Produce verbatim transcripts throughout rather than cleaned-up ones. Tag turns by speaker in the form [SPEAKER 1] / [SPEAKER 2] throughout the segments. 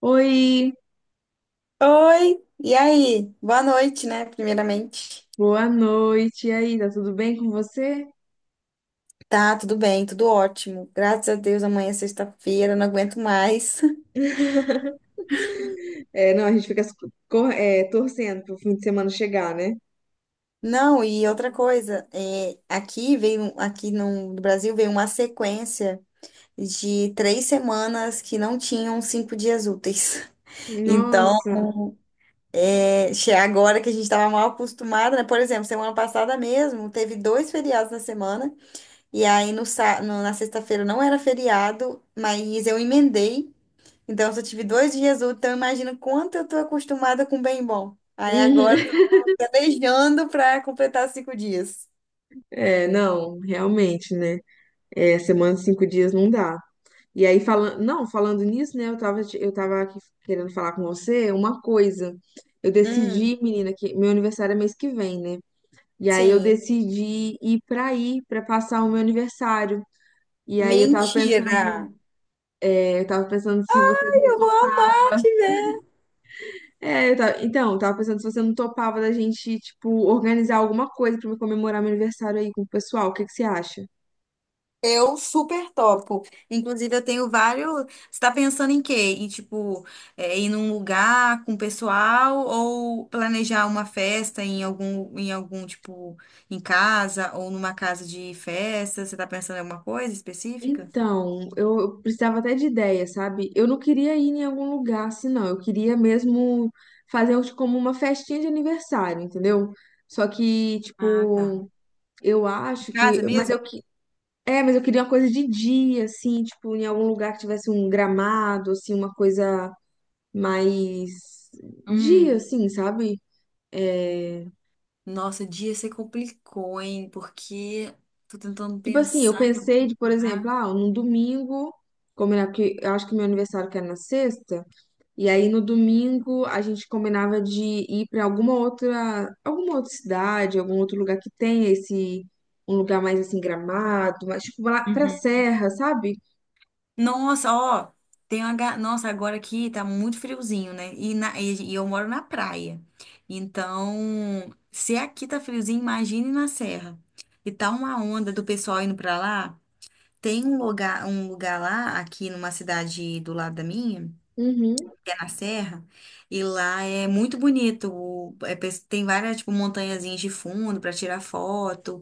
[SPEAKER 1] Oi,
[SPEAKER 2] Oi, e aí? Boa noite, né? Primeiramente.
[SPEAKER 1] boa noite. E aí, tá tudo bem com você?
[SPEAKER 2] Tá, tudo bem, tudo ótimo. Graças a Deus, amanhã é sexta-feira, não aguento mais.
[SPEAKER 1] É, não, a gente fica cor- é, torcendo pro fim de semana chegar, né?
[SPEAKER 2] Não, e outra coisa, é, aqui veio, aqui no, no Brasil veio uma sequência de três semanas que não tinham cinco dias úteis. Então,
[SPEAKER 1] Nossa.
[SPEAKER 2] é, che- agora que a gente estava mal acostumado, né? Por exemplo, semana passada mesmo, teve dois feriados na semana. E aí no, sá- no- na sexta-feira não era feriado, mas eu emendei. Então eu só tive dois dias úteis, então eu imagino quanto eu tô acostumada com bem bom. Aí agora eu
[SPEAKER 1] Uhum.
[SPEAKER 2] tô planejando para completar cinco dias.
[SPEAKER 1] É, não, realmente, né? É, semana de cinco dias não dá. E aí, falando, não, falando nisso, né? Eu tava, te- eu tava aqui querendo falar com você uma coisa. Eu
[SPEAKER 2] Hum,
[SPEAKER 1] decidi, menina, que meu aniversário é mês que vem, né? E aí eu
[SPEAKER 2] sim.
[SPEAKER 1] decidi ir pra aí, pra passar o meu aniversário. E aí eu tava
[SPEAKER 2] Mentira!
[SPEAKER 1] pensando. Eu tava pensando se você não
[SPEAKER 2] Eu vou
[SPEAKER 1] topava.
[SPEAKER 2] amar te ver.
[SPEAKER 1] É, eu tava... Então, eu tava pensando se você não topava da gente, tipo, organizar alguma coisa pra me comemorar meu aniversário aí com o pessoal. O que que você acha?
[SPEAKER 2] Eu super topo. Inclusive, eu tenho vários. Você tá pensando em quê? Em, tipo, é, ir num lugar com o pessoal ou planejar uma festa em algum, em algum, tipo, em casa ou numa casa de festa? Você está pensando em alguma coisa específica?
[SPEAKER 1] Então, eu eu precisava até de ideia, sabe? Eu não queria ir em algum lugar assim, não. Eu queria mesmo fazer uns- como uma festinha de aniversário, entendeu? Só que,
[SPEAKER 2] Ah, tá.
[SPEAKER 1] tipo, eu
[SPEAKER 2] Em
[SPEAKER 1] acho que.
[SPEAKER 2] casa
[SPEAKER 1] Mas
[SPEAKER 2] mesmo?
[SPEAKER 1] eu que. É, mas eu queria uma coisa de dia, assim, tipo, em algum lugar que tivesse um gramado, assim, uma coisa mais dia,
[SPEAKER 2] Hum.
[SPEAKER 1] assim, sabe? É,
[SPEAKER 2] Nossa, dia você complicou, hein? Porque tô tentando
[SPEAKER 1] tipo assim, eu
[SPEAKER 2] pensar em
[SPEAKER 1] pensei
[SPEAKER 2] algum
[SPEAKER 1] de, por exemplo,
[SPEAKER 2] lugar.
[SPEAKER 1] ah, num domingo, combinar, porque eu acho que meu aniversário que era na sexta, e aí no domingo a gente combinava de ir pra alguma outra, alguma outra cidade, algum outro lugar que tenha esse, um lugar mais assim, Gramado, mas tipo lá pra Serra, sabe?
[SPEAKER 2] Nossa, ó, tem uma. ga- Nossa, agora aqui tá muito friozinho, né? E, na- e- e eu moro na praia. Então, se aqui tá friozinho, imagine na serra. E tá uma onda do pessoal indo pra lá. Tem um lugar, um lugar lá, aqui numa cidade do lado da minha
[SPEAKER 1] Uhum.
[SPEAKER 2] é na serra, e lá é muito bonito. O- é pes- tem várias, tipo, montanhazinhas de fundo para tirar foto.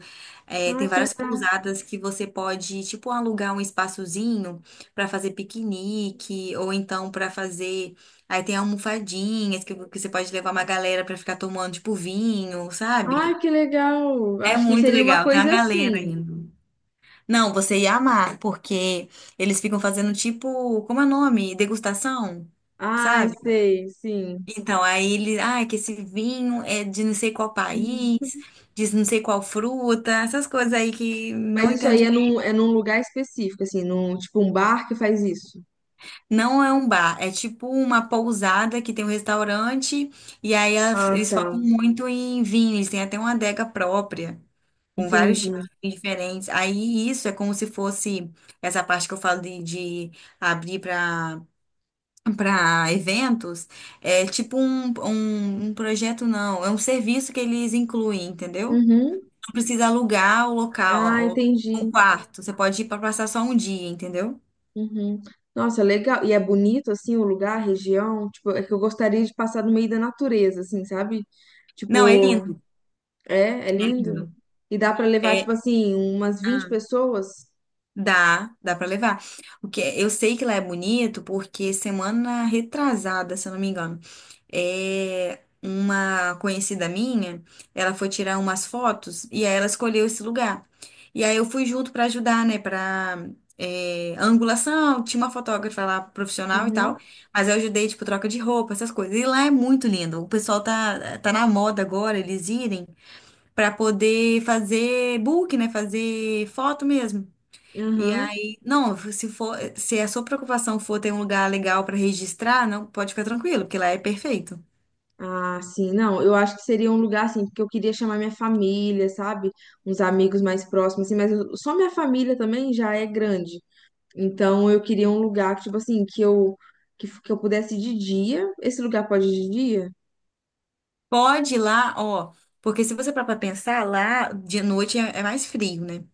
[SPEAKER 2] É,
[SPEAKER 1] Ai,
[SPEAKER 2] tem
[SPEAKER 1] que
[SPEAKER 2] várias
[SPEAKER 1] legal.
[SPEAKER 2] pousadas que você pode, tipo, alugar um espaçozinho para fazer piquenique, ou então para fazer. Aí tem almofadinhas que, que você pode levar uma galera para ficar tomando, tipo, vinho,
[SPEAKER 1] Ai,
[SPEAKER 2] sabe?
[SPEAKER 1] que legal.
[SPEAKER 2] É
[SPEAKER 1] Acho que
[SPEAKER 2] muito
[SPEAKER 1] seria uma
[SPEAKER 2] legal, tem uma
[SPEAKER 1] coisa
[SPEAKER 2] galera
[SPEAKER 1] assim.
[SPEAKER 2] indo. Não, você ia amar, porque eles ficam fazendo tipo, como é o nome? Degustação,
[SPEAKER 1] Ai,
[SPEAKER 2] sabe?
[SPEAKER 1] sei, sim.
[SPEAKER 2] Então, aí ele, ah, que esse vinho é de não sei qual país, de não sei qual fruta, essas coisas aí que
[SPEAKER 1] Mas
[SPEAKER 2] não
[SPEAKER 1] isso aí
[SPEAKER 2] entendi.
[SPEAKER 1] é num, é num lugar específico, assim, num, tipo um bar que faz isso.
[SPEAKER 2] Não é um bar, é tipo uma pousada que tem um restaurante, e aí a-
[SPEAKER 1] Ah,
[SPEAKER 2] eles
[SPEAKER 1] tá.
[SPEAKER 2] focam muito em vinho, eles têm até uma adega própria, com vários
[SPEAKER 1] Entendi.
[SPEAKER 2] tipos de vinhos diferentes. Aí isso é como se fosse essa parte que eu falo de, de abrir para. Para eventos, é tipo um, um, um projeto, não, é um serviço que eles incluem, entendeu?
[SPEAKER 1] Uhum.
[SPEAKER 2] Não precisa alugar o local,
[SPEAKER 1] Ah,
[SPEAKER 2] ó, ou um
[SPEAKER 1] entendi.
[SPEAKER 2] quarto. Você pode ir para passar só um dia, entendeu?
[SPEAKER 1] Uhum. Nossa, legal. E é bonito, assim, o lugar, a região. Tipo, é que eu gostaria de passar no meio da natureza, assim, sabe?
[SPEAKER 2] Não, é
[SPEAKER 1] Tipo,
[SPEAKER 2] lindo.
[SPEAKER 1] é, é
[SPEAKER 2] É
[SPEAKER 1] lindo.
[SPEAKER 2] lindo.
[SPEAKER 1] E dá pra levar, tipo
[SPEAKER 2] É.
[SPEAKER 1] assim, umas vinte
[SPEAKER 2] ah,
[SPEAKER 1] pessoas.
[SPEAKER 2] Dá, dá pra levar. O que eu sei que lá é bonito porque semana retrasada, se eu não me engano, é uma conhecida minha, ela foi tirar umas fotos e aí ela escolheu esse lugar. E aí eu fui junto pra ajudar, né, para angulação, tinha uma fotógrafa lá profissional e
[SPEAKER 1] Uhum.
[SPEAKER 2] tal, mas eu ajudei tipo troca de roupa, essas coisas. E lá é muito lindo. O pessoal tá tá na moda agora eles irem pra poder fazer book, né, fazer foto mesmo. E
[SPEAKER 1] Aham.
[SPEAKER 2] aí, não, se for, se a sua preocupação for ter um lugar legal para registrar, não pode ficar tranquilo, porque lá é perfeito.
[SPEAKER 1] Ah, sim, não, eu acho que seria um lugar assim, porque eu queria chamar minha família, sabe? Uns amigos mais próximos, assim, mas eu- só minha família também já é grande. Então eu queria um lugar que, tipo assim, que eu que, f- que eu pudesse ir de dia. Esse lugar pode ir de dia?
[SPEAKER 2] Pode ir lá, ó, porque se você parar para pensar, lá de noite é, é mais frio, né?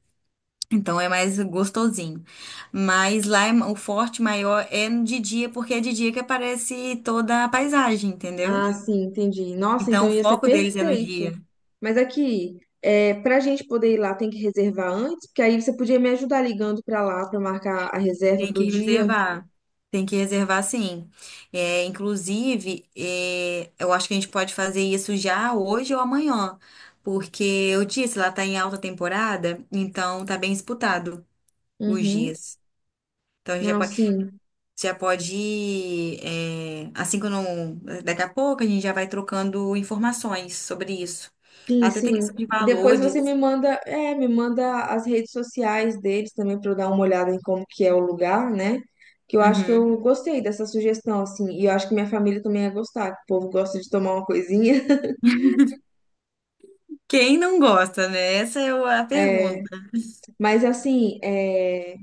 [SPEAKER 2] Então é mais gostosinho. Mas lá é ma- o forte maior é no de dia, porque é de dia que aparece toda a paisagem, entendeu?
[SPEAKER 1] Ah, sim, entendi. Nossa, então
[SPEAKER 2] Então o
[SPEAKER 1] ia ser
[SPEAKER 2] foco deles é no
[SPEAKER 1] perfeito.
[SPEAKER 2] dia.
[SPEAKER 1] Mas aqui, é, pra gente poder ir lá, tem que reservar antes, porque aí você podia me ajudar ligando pra lá pra marcar a reserva
[SPEAKER 2] Tem que
[SPEAKER 1] pro dia.
[SPEAKER 2] reservar. Tem que reservar, sim. É, inclusive, é, eu acho que a gente pode fazer isso já hoje ou amanhã, porque eu disse, lá está em alta temporada, então tá bem disputado os
[SPEAKER 1] Uhum.
[SPEAKER 2] dias. Então a gente já
[SPEAKER 1] Não,
[SPEAKER 2] pode,
[SPEAKER 1] sim.
[SPEAKER 2] já pode ir, é, assim que eu não, daqui a pouco a gente já vai trocando informações sobre isso.
[SPEAKER 1] Sim,
[SPEAKER 2] Até
[SPEAKER 1] sim.
[SPEAKER 2] tem questão de
[SPEAKER 1] Depois você me
[SPEAKER 2] valores.
[SPEAKER 1] manda, é, me manda as redes sociais deles também para eu dar uma olhada em como que é o lugar, né? Que eu acho que
[SPEAKER 2] Uhum.
[SPEAKER 1] eu gostei dessa sugestão, assim, e eu acho que minha família também ia gostar, que o povo gosta de tomar uma coisinha.
[SPEAKER 2] Quem não gosta, né? Essa é o- a pergunta.
[SPEAKER 1] É, mas assim, é,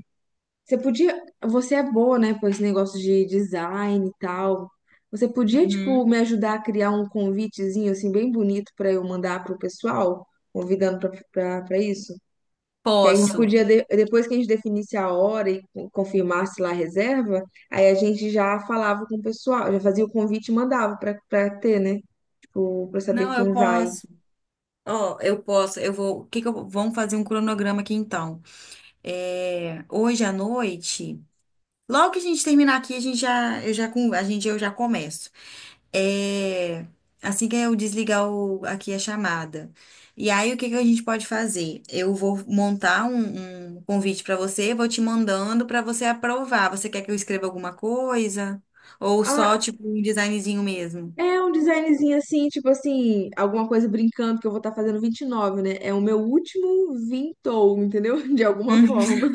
[SPEAKER 1] você podia, você é boa, né, com esse negócio de design e tal. Você podia, tipo,
[SPEAKER 2] Uhum.
[SPEAKER 1] me ajudar a criar um convitezinho assim bem bonito para eu mandar pro pessoal, convidando para para isso? Que aí a gente
[SPEAKER 2] Posso.
[SPEAKER 1] podia, de- depois que a gente definisse a hora e con- confirmasse lá a reserva, aí a gente já falava com o pessoal, já fazia o convite e mandava pra, pra ter, né? Tipo, pra saber
[SPEAKER 2] Não, eu
[SPEAKER 1] quem vai.
[SPEAKER 2] posso. Ó, eu posso. Eu vou. O que que eu Vamos fazer um cronograma aqui então. É, hoje à noite, logo que a gente terminar aqui, a gente já, eu já, com- a gente, eu já começo. É, assim que eu desligar o- aqui a chamada. E aí, o que que a gente pode fazer? Eu vou montar um, um convite para você, vou te mandando para você aprovar. Você quer que eu escreva alguma coisa? Ou só,
[SPEAKER 1] Ah,
[SPEAKER 2] tipo, um designzinho mesmo?
[SPEAKER 1] é um designzinho assim, tipo assim, alguma coisa brincando, que eu vou estar fazendo vinte e nove, né? É o meu último vintou, entendeu? De alguma forma.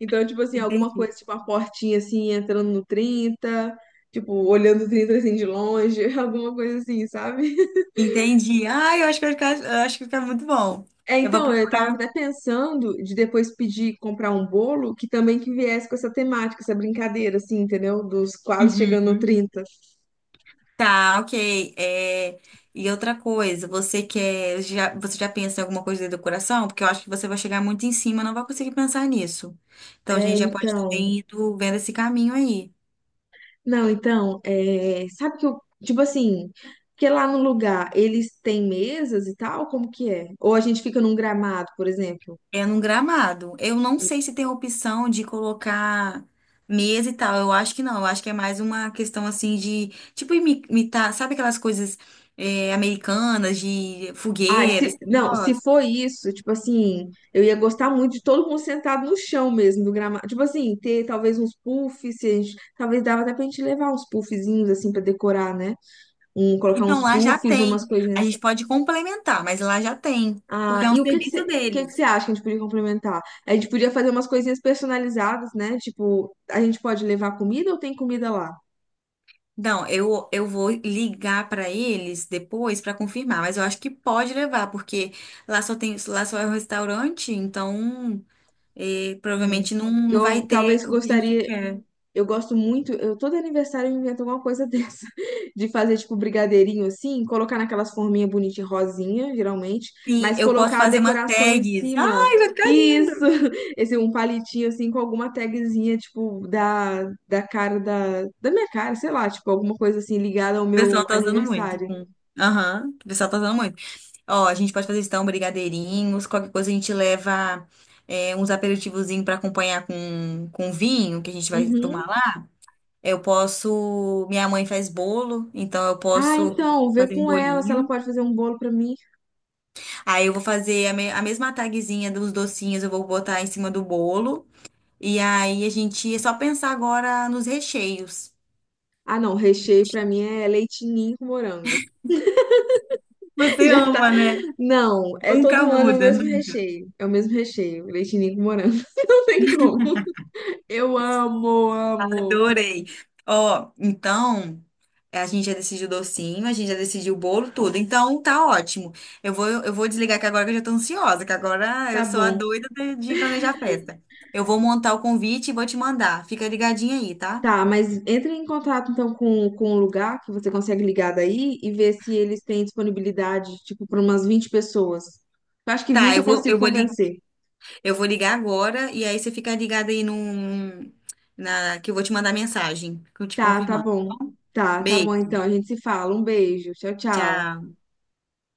[SPEAKER 1] Então, tipo assim, alguma
[SPEAKER 2] Uhum.
[SPEAKER 1] coisa, tipo uma portinha assim, entrando no trinta, tipo, olhando o trinta assim de longe, alguma coisa assim, sabe?
[SPEAKER 2] Entendi. Ah, eu acho que vai ficar, eu acho que vai ficar muito bom.
[SPEAKER 1] É,
[SPEAKER 2] Eu vou
[SPEAKER 1] então, eu estava
[SPEAKER 2] procurar.
[SPEAKER 1] até pensando de depois pedir comprar um bolo que também que viesse com essa temática, essa brincadeira, assim, entendeu? Dos quase chegando no
[SPEAKER 2] Uhum.
[SPEAKER 1] trinta.
[SPEAKER 2] Tá, ok. É, e outra coisa, você quer, já, você já pensa em alguma coisa de decoração? Porque eu acho que você vai chegar muito em cima, não vai conseguir pensar nisso. Então a
[SPEAKER 1] É,
[SPEAKER 2] gente já pode
[SPEAKER 1] então.
[SPEAKER 2] também ir do- vendo esse caminho aí.
[SPEAKER 1] Não, então, é, sabe que eu, tipo assim, que lá no lugar eles têm mesas e tal, como que é? Ou a gente fica num gramado, por exemplo?
[SPEAKER 2] É num gramado. Eu não sei se tem opção de colocar mesa e tal. Eu acho que não. Eu acho que é mais uma questão assim de, tipo, imi- imitar, sabe aquelas coisas eh, americanas de
[SPEAKER 1] Ai,
[SPEAKER 2] fogueira,
[SPEAKER 1] se,
[SPEAKER 2] esse
[SPEAKER 1] não, se
[SPEAKER 2] negócio?
[SPEAKER 1] for isso, tipo assim, eu ia gostar muito de todo mundo sentado no chão mesmo, do gramado. Tipo assim, ter talvez uns puffs, se a gente, talvez dava até pra gente levar uns puffzinhos, assim, pra decorar, né? Um, colocar
[SPEAKER 2] Então
[SPEAKER 1] uns
[SPEAKER 2] lá já
[SPEAKER 1] puffs, umas
[SPEAKER 2] tem. A
[SPEAKER 1] coisinhas.
[SPEAKER 2] gente pode complementar, mas lá já tem, porque
[SPEAKER 1] Ah,
[SPEAKER 2] é um
[SPEAKER 1] e o que que você,
[SPEAKER 2] serviço
[SPEAKER 1] o que que você
[SPEAKER 2] deles.
[SPEAKER 1] acha que a gente podia complementar? A gente podia fazer umas coisinhas personalizadas, né? Tipo, a gente pode levar comida ou tem comida lá?
[SPEAKER 2] Não, eu, eu vou ligar para eles depois para confirmar, mas eu acho que pode levar, porque lá só tem, lá só é um restaurante, então. E
[SPEAKER 1] Hum.
[SPEAKER 2] provavelmente não, não vai
[SPEAKER 1] Eu
[SPEAKER 2] ter
[SPEAKER 1] talvez
[SPEAKER 2] o que a gente
[SPEAKER 1] gostaria.
[SPEAKER 2] quer.
[SPEAKER 1] Eu gosto muito, eu, todo aniversário eu invento alguma coisa dessa, de fazer tipo brigadeirinho assim, colocar naquelas forminhas bonitinhas, rosinha, geralmente,
[SPEAKER 2] Sim,
[SPEAKER 1] mas
[SPEAKER 2] eu posso
[SPEAKER 1] colocar a
[SPEAKER 2] fazer uma
[SPEAKER 1] decoração em
[SPEAKER 2] tags.
[SPEAKER 1] cima.
[SPEAKER 2] Ai, vai ficar lindo.
[SPEAKER 1] Isso!
[SPEAKER 2] O
[SPEAKER 1] Esse um palitinho assim com alguma tagzinha, tipo, da, da cara da, da minha cara, sei lá, tipo, alguma coisa assim ligada ao meu
[SPEAKER 2] pessoal tá usando muito.
[SPEAKER 1] aniversário.
[SPEAKER 2] Com- Aham, o pessoal tá usando muito. Ó, a gente pode fazer então brigadeirinhos, qualquer coisa a gente leva é, uns aperitivozinhos pra acompanhar com, com vinho que a gente vai tomar
[SPEAKER 1] Uhum.
[SPEAKER 2] lá. Eu posso. Minha mãe faz bolo, então eu
[SPEAKER 1] Ah,
[SPEAKER 2] posso
[SPEAKER 1] então, vê
[SPEAKER 2] fazer um
[SPEAKER 1] com ela se ela
[SPEAKER 2] bolinho.
[SPEAKER 1] pode fazer um bolo pra mim.
[SPEAKER 2] Aí eu vou fazer a, me- a mesma tagzinha dos docinhos, eu vou botar em cima do bolo. E aí a gente é só pensar agora nos recheios.
[SPEAKER 1] Ah, não, recheio pra mim é leite ninho com morango.
[SPEAKER 2] Você
[SPEAKER 1] Já tá.
[SPEAKER 2] ama, né?
[SPEAKER 1] Não, é
[SPEAKER 2] Nunca
[SPEAKER 1] todo ano o
[SPEAKER 2] muda.
[SPEAKER 1] mesmo recheio. É o mesmo recheio, leitinho com morango. Não tem como. Eu amo, amo.
[SPEAKER 2] Adorei. Ó, então a gente já decidiu o docinho, a gente já decidiu o bolo, tudo. Então tá ótimo. Eu vou, eu vou desligar que agora que eu já tô ansiosa, que agora
[SPEAKER 1] Tá
[SPEAKER 2] eu sou a
[SPEAKER 1] bom.
[SPEAKER 2] doida de, de planejar a festa. Eu vou montar o convite e vou te mandar. Fica ligadinha aí, tá?
[SPEAKER 1] Tá, mas entre em contato então com, com o lugar que você consegue ligar daí e ver se eles têm disponibilidade, tipo, para umas vinte pessoas. Eu acho que
[SPEAKER 2] Tá,
[SPEAKER 1] vinte
[SPEAKER 2] eu
[SPEAKER 1] eu Tá
[SPEAKER 2] vou,
[SPEAKER 1] consigo
[SPEAKER 2] eu vou, li-
[SPEAKER 1] convencer.
[SPEAKER 2] eu vou ligar agora e aí você fica ligado aí no, na, que eu vou te mandar mensagem, que eu te
[SPEAKER 1] Tá, tá
[SPEAKER 2] confirmando.
[SPEAKER 1] bom.
[SPEAKER 2] Tá bom?
[SPEAKER 1] Tá, tá bom
[SPEAKER 2] Beijo,
[SPEAKER 1] então. A gente se fala. Um beijo. Tchau, tchau.
[SPEAKER 2] tchau.